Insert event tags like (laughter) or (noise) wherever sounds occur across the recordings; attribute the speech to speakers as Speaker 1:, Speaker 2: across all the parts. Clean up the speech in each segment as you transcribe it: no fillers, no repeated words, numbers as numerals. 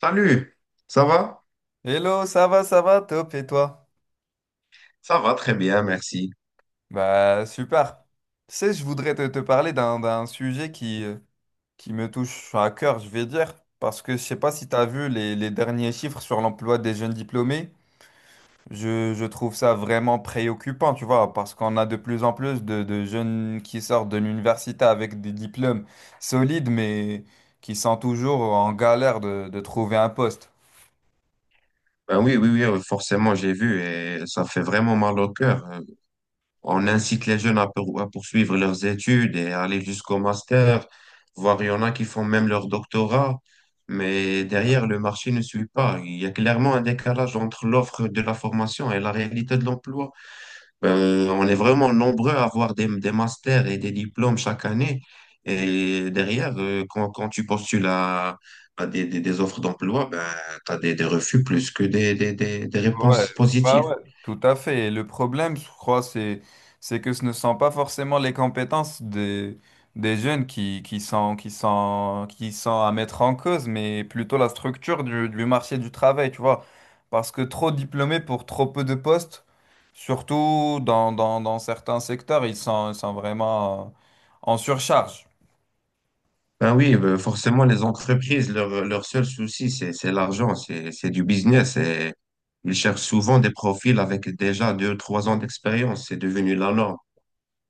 Speaker 1: Salut, ça va?
Speaker 2: Hello, ça va, top, et toi?
Speaker 1: Ça va très bien, merci.
Speaker 2: Bah, super. Tu sais, je voudrais te parler d'un sujet qui me touche à cœur, je vais dire, parce que je sais pas si tu as vu les derniers chiffres sur l'emploi des jeunes diplômés. Je trouve ça vraiment préoccupant, tu vois, parce qu'on a de plus en plus de jeunes qui sortent de l'université avec des diplômes solides, mais qui sont toujours en galère de trouver un poste.
Speaker 1: Ben oui, oui, oui, forcément, j'ai vu et ça fait vraiment mal au cœur. On incite les jeunes à poursuivre leurs études et à aller jusqu'au master, voire il y en a qui font même leur doctorat, mais derrière, le marché ne suit pas. Il y a clairement un décalage entre l'offre de la formation et la réalité de l'emploi. On est vraiment nombreux à avoir des masters et des diplômes chaque année. Et derrière, quand tu postules à des offres d'emploi, ben, tu as des refus plus que des
Speaker 2: Ouais,
Speaker 1: réponses
Speaker 2: bah
Speaker 1: positives.
Speaker 2: ouais, tout à fait. Et le problème, je crois, c'est que ce ne sont pas forcément les compétences des jeunes qui sont à mettre en cause, mais plutôt la structure du marché du travail, tu vois. Parce que trop diplômés pour trop peu de postes, surtout dans certains secteurs, ils sont vraiment en surcharge.
Speaker 1: Ben oui, ben, forcément, les entreprises, leur seul souci, c'est l'argent, c'est du business. Et ils cherchent souvent des profils avec déjà deux, trois ans d'expérience. C'est devenu la norme.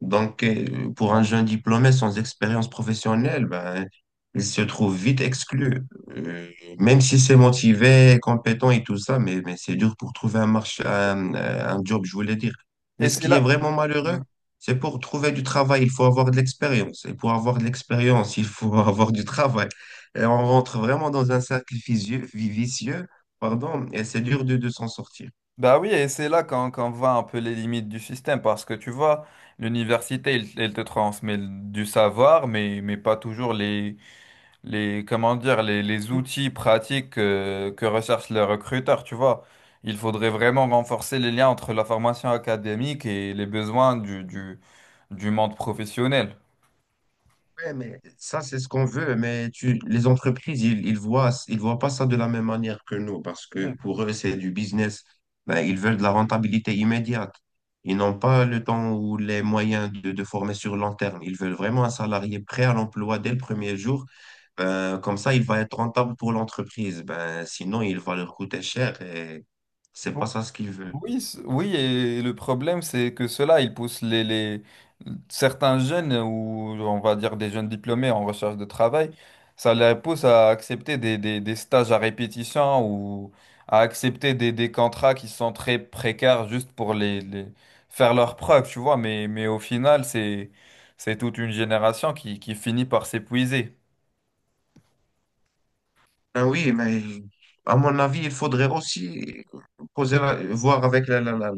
Speaker 1: Donc, pour un jeune diplômé sans expérience professionnelle, ben, il se trouve vite exclu. Euh, Même si c'est motivé, compétent et tout ça, mais c'est dur pour trouver un marché, un job, je voulais dire.
Speaker 2: Et
Speaker 1: Et ce
Speaker 2: c'est
Speaker 1: qui est
Speaker 2: là.
Speaker 1: vraiment malheureux, c'est pour trouver du travail, il faut avoir de l'expérience. Et pour avoir de l'expérience, il faut (laughs) avoir du travail. Et on rentre vraiment dans un cercle vicieux, vicieux, pardon, et c'est dur de s'en sortir.
Speaker 2: Bah oui, et c'est là qu'on voit un peu les limites du système, parce que tu vois, l'université, elle, elle te transmet du savoir, mais pas toujours comment dire, les outils pratiques que recherchent les recruteurs, tu vois. Il faudrait vraiment renforcer les liens entre la formation académique et les besoins du monde professionnel.
Speaker 1: Ouais, mais ça, c'est ce qu'on veut, mais tu, les entreprises, ils, ils voient pas ça de la même manière que nous, parce que pour eux, c'est du business. Ben, ils veulent de la rentabilité immédiate. Ils n'ont pas le temps ou les moyens de former sur long terme. Ils veulent vraiment un salarié prêt à l'emploi dès le premier jour. Ben, comme ça, il va être rentable pour l'entreprise. Ben, sinon, il va leur coûter cher et c'est pas ça ce qu'ils veulent.
Speaker 2: Oui, oui, et le problème, c'est que cela, il pousse certains jeunes, ou on va dire des jeunes diplômés en recherche de travail, ça les pousse à accepter des stages à répétition ou à accepter des contrats qui sont très précaires juste pour faire leurs preuves, tu vois. Mais au final, c'est toute une génération qui finit par s'épuiser.
Speaker 1: Ah oui, mais à mon avis, il faudrait aussi voir avec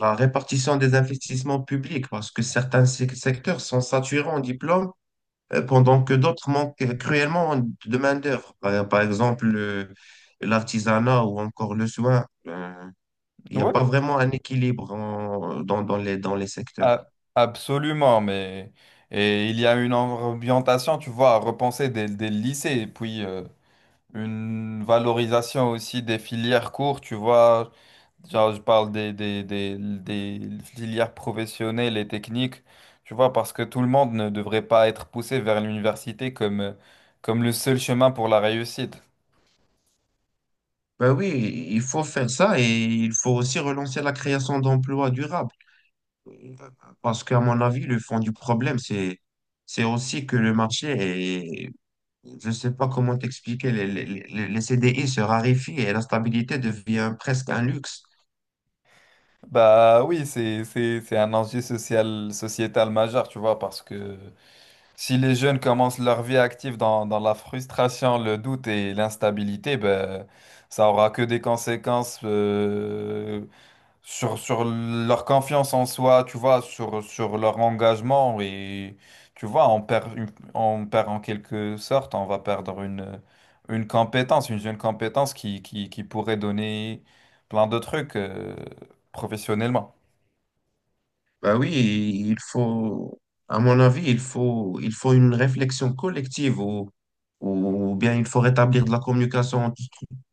Speaker 1: la répartition des investissements publics, parce que certains secteurs sont saturés en diplômes, pendant que d'autres manquent cruellement de main-d'œuvre. Par exemple, l'artisanat ou encore le soin. Il n'y a
Speaker 2: Ouais.
Speaker 1: pas vraiment un équilibre dans, dans les secteurs.
Speaker 2: Ah, absolument, mais et il y a une orientation, tu vois, à repenser des lycées, et puis une valorisation aussi des filières courtes, tu vois, genre je parle des filières professionnelles et techniques, tu vois, parce que tout le monde ne devrait pas être poussé vers l'université comme, comme le seul chemin pour la réussite.
Speaker 1: Ben oui, il faut faire ça et il faut aussi relancer la création d'emplois durables. Parce qu'à mon avis, le fond du problème, c'est aussi que le marché est, je ne sais pas comment t'expliquer, les CDI se raréfient et la stabilité devient presque un luxe.
Speaker 2: Bah oui, c'est un enjeu social, sociétal majeur, tu vois, parce que... Si les jeunes commencent leur vie active dans la frustration, le doute et l'instabilité, ben, ça aura que des conséquences sur, sur leur confiance en soi, tu vois, sur, sur leur engagement. Et tu vois, on perd en quelque sorte, on va perdre une compétence, une jeune compétence qui pourrait donner plein de trucs professionnellement.
Speaker 1: Bah oui, il faut, à mon avis, il faut une réflexion collective ou bien il faut rétablir de la communication entre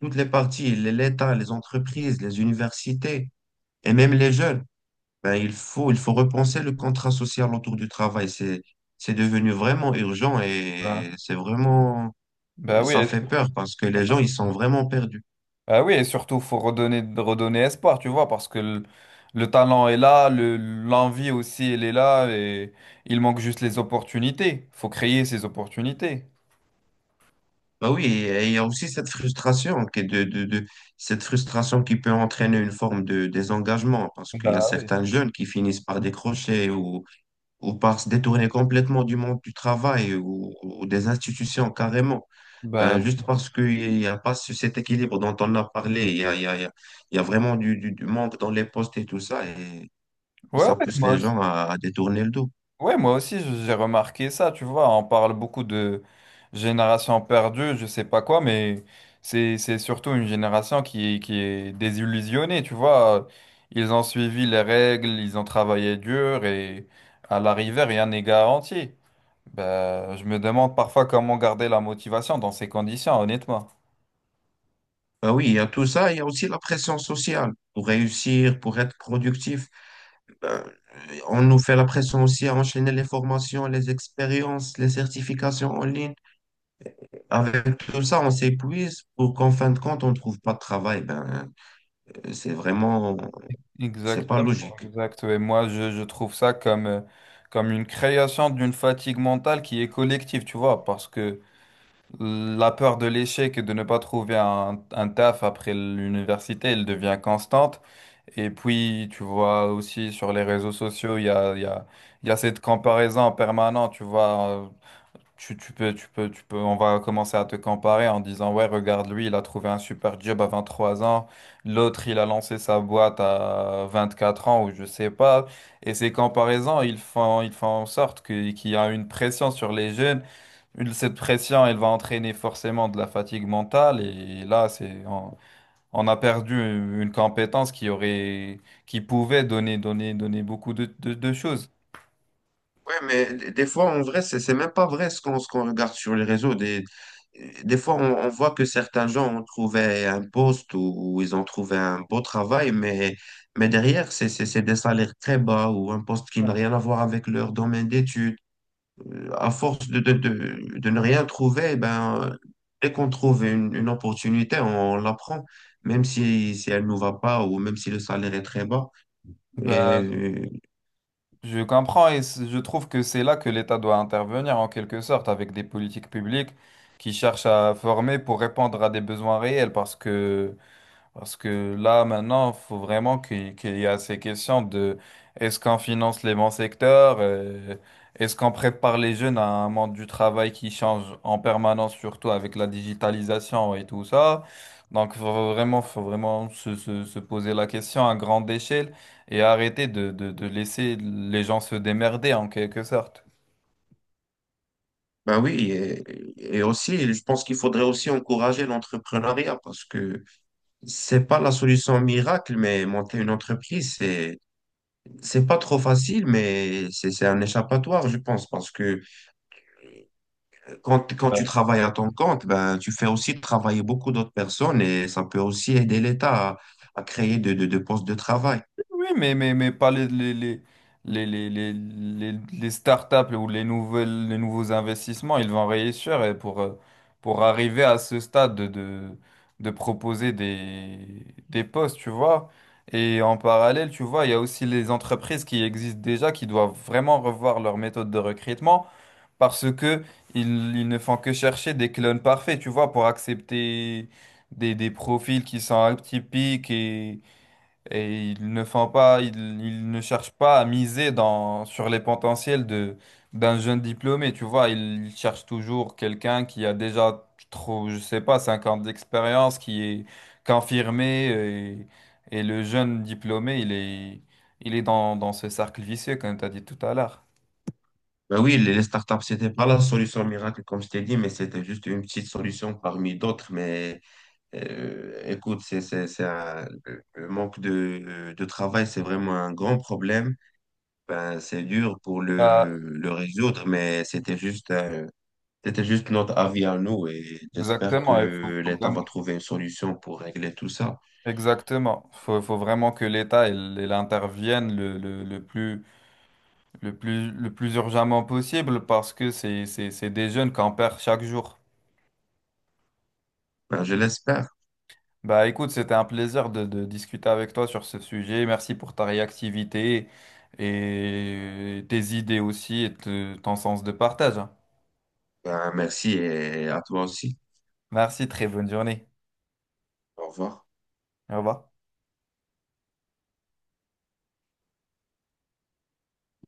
Speaker 1: toutes les parties, l'État, les entreprises, les universités et même les jeunes. Ben, il faut repenser le contrat social autour du travail. C'est devenu vraiment urgent
Speaker 2: Ouais.
Speaker 1: et
Speaker 2: Ben oui,
Speaker 1: ça fait peur parce que les gens, ils sont vraiment perdus.
Speaker 2: ah oui, et surtout, faut redonner, redonner espoir, tu vois, parce que le talent est là, le, l'envie aussi, elle est là, et il manque juste les opportunités. Faut créer ces opportunités.
Speaker 1: Bah oui, et il y a aussi cette frustration qui est cette frustration qui peut entraîner une forme de désengagement parce qu'il y a
Speaker 2: Bah oui.
Speaker 1: certains jeunes qui finissent par décrocher ou par se détourner complètement du monde du travail ou des institutions carrément.
Speaker 2: Bah,
Speaker 1: Ben, juste parce qu'il n'y a pas cet équilibre dont on a parlé, il y a, il y a, il y a il y a vraiment du manque dans les postes et tout ça, et
Speaker 2: ouais,
Speaker 1: ça
Speaker 2: ouais,
Speaker 1: pousse
Speaker 2: moi,
Speaker 1: les
Speaker 2: aussi-
Speaker 1: gens à détourner le dos.
Speaker 2: ouais, moi aussi, j'ai remarqué ça, tu vois, on parle beaucoup de génération perdue, je sais pas quoi, mais c'est surtout une génération qui est désillusionnée, tu vois. Ils ont suivi les règles, ils ont travaillé dur, et à l'arrivée, rien n'est garanti. Ben, je me demande parfois comment garder la motivation dans ces conditions, honnêtement.
Speaker 1: Ben oui, il y a tout ça, il y a aussi la pression sociale pour réussir, pour être productif. Ben, on nous fait la pression aussi à enchaîner les formations, les expériences, les certifications en ligne. Avec tout ça, on s'épuise pour qu'en fin de compte, on ne trouve pas de travail. Ben, C'est vraiment, c'est pas
Speaker 2: Exactement.
Speaker 1: logique.
Speaker 2: Exact. Et moi, je trouve ça comme, comme une création d'une fatigue mentale qui est collective, tu vois, parce que la peur de l'échec et de ne pas trouver un taf après l'université, elle devient constante. Et puis, tu vois aussi sur les réseaux sociaux, il y a cette comparaison permanente, tu vois. Tu tu peux, on va commencer à te comparer en disant, ouais, regarde, lui, il a trouvé un super job à 23 ans, l'autre, il a lancé sa boîte à 24 ans, ou je sais pas. Et ces comparaisons, ils font en sorte qu'il y a une pression sur les jeunes. Cette pression, elle va entraîner forcément de la fatigue mentale, et là, on a perdu une compétence qui pouvait donner beaucoup de choses.
Speaker 1: Ouais, mais des fois, en vrai, c'est même pas vrai ce qu'on regarde sur les réseaux. Des fois, on voit que certains gens ont trouvé un poste ou ils ont trouvé un beau travail, mais derrière, c'est des salaires très bas ou un poste qui n'a
Speaker 2: Ouais.
Speaker 1: rien à voir avec leur domaine d'études. À force de ne rien trouver, eh ben, dès qu'on trouve une opportunité, on, la prend, même si, si elle ne nous va pas ou même si le salaire est très bas.
Speaker 2: Bah,
Speaker 1: Et
Speaker 2: je comprends et je trouve que c'est là que l'État doit intervenir en quelque sorte avec des politiques publiques qui cherchent à former pour répondre à des besoins réels parce que là, maintenant, il faut vraiment qu'il y a ces questions de est-ce qu'on finance les bons secteurs, est-ce qu'on prépare les jeunes à un monde du travail qui change en permanence, surtout avec la digitalisation et tout ça. Donc, faut vraiment se poser la question à grande échelle et arrêter de laisser les gens se démerder en quelque sorte.
Speaker 1: Ben oui, et aussi, je pense qu'il faudrait aussi encourager l'entrepreneuriat parce que c'est pas la solution miracle, mais monter une entreprise, c'est pas trop facile, c'est un échappatoire, je pense, parce que quand tu travailles à ton compte, ben, tu fais aussi travailler beaucoup d'autres personnes et ça peut aussi aider l'État à créer de postes de travail.
Speaker 2: Oui, mais pas les, les startups ou les nouvelles, les nouveaux investissements, ils vont réussir et pour arriver à ce stade de proposer des postes, tu vois. Et en parallèle, tu vois, il y a aussi les entreprises qui existent déjà, qui doivent vraiment revoir leur méthode de recrutement parce que ils ne font que chercher des clones parfaits, tu vois, pour accepter des profils qui sont atypiques et ils ne cherchent pas à miser dans, sur les potentiels d'un jeune diplômé, tu vois. Ils cherchent toujours quelqu'un qui a déjà trop, je sais pas, 50 ans d'expérience, qui est confirmé. Et et le jeune diplômé, il est dans, dans ce cercle vicieux, comme tu as dit tout à l'heure.
Speaker 1: Ben oui, les startups, c'était pas la solution miracle, comme je t'ai dit, mais c'était juste une petite solution parmi d'autres, mais écoute, c'est un- le manque de travail, c'est vraiment un grand problème. Ben, c'est dur pour
Speaker 2: Ah,
Speaker 1: le résoudre, mais c'était juste notre avis à nous et j'espère
Speaker 2: exactement, il faut,
Speaker 1: que
Speaker 2: faut
Speaker 1: l'État
Speaker 2: vraiment,
Speaker 1: va trouver une solution pour régler tout ça.
Speaker 2: exactement. Faut vraiment que l'État, il intervienne le plus le plus, le plus urgemment possible parce que c'est des jeunes qu'on perd chaque jour.
Speaker 1: Ben, je l'espère.
Speaker 2: Bah écoute, c'était un plaisir de discuter avec toi sur ce sujet. Merci pour ta réactivité et tes idées aussi et ton sens de partage. Hein.
Speaker 1: Ben, merci et à toi aussi.
Speaker 2: Merci, très bonne journée.
Speaker 1: Au revoir.
Speaker 2: Au revoir.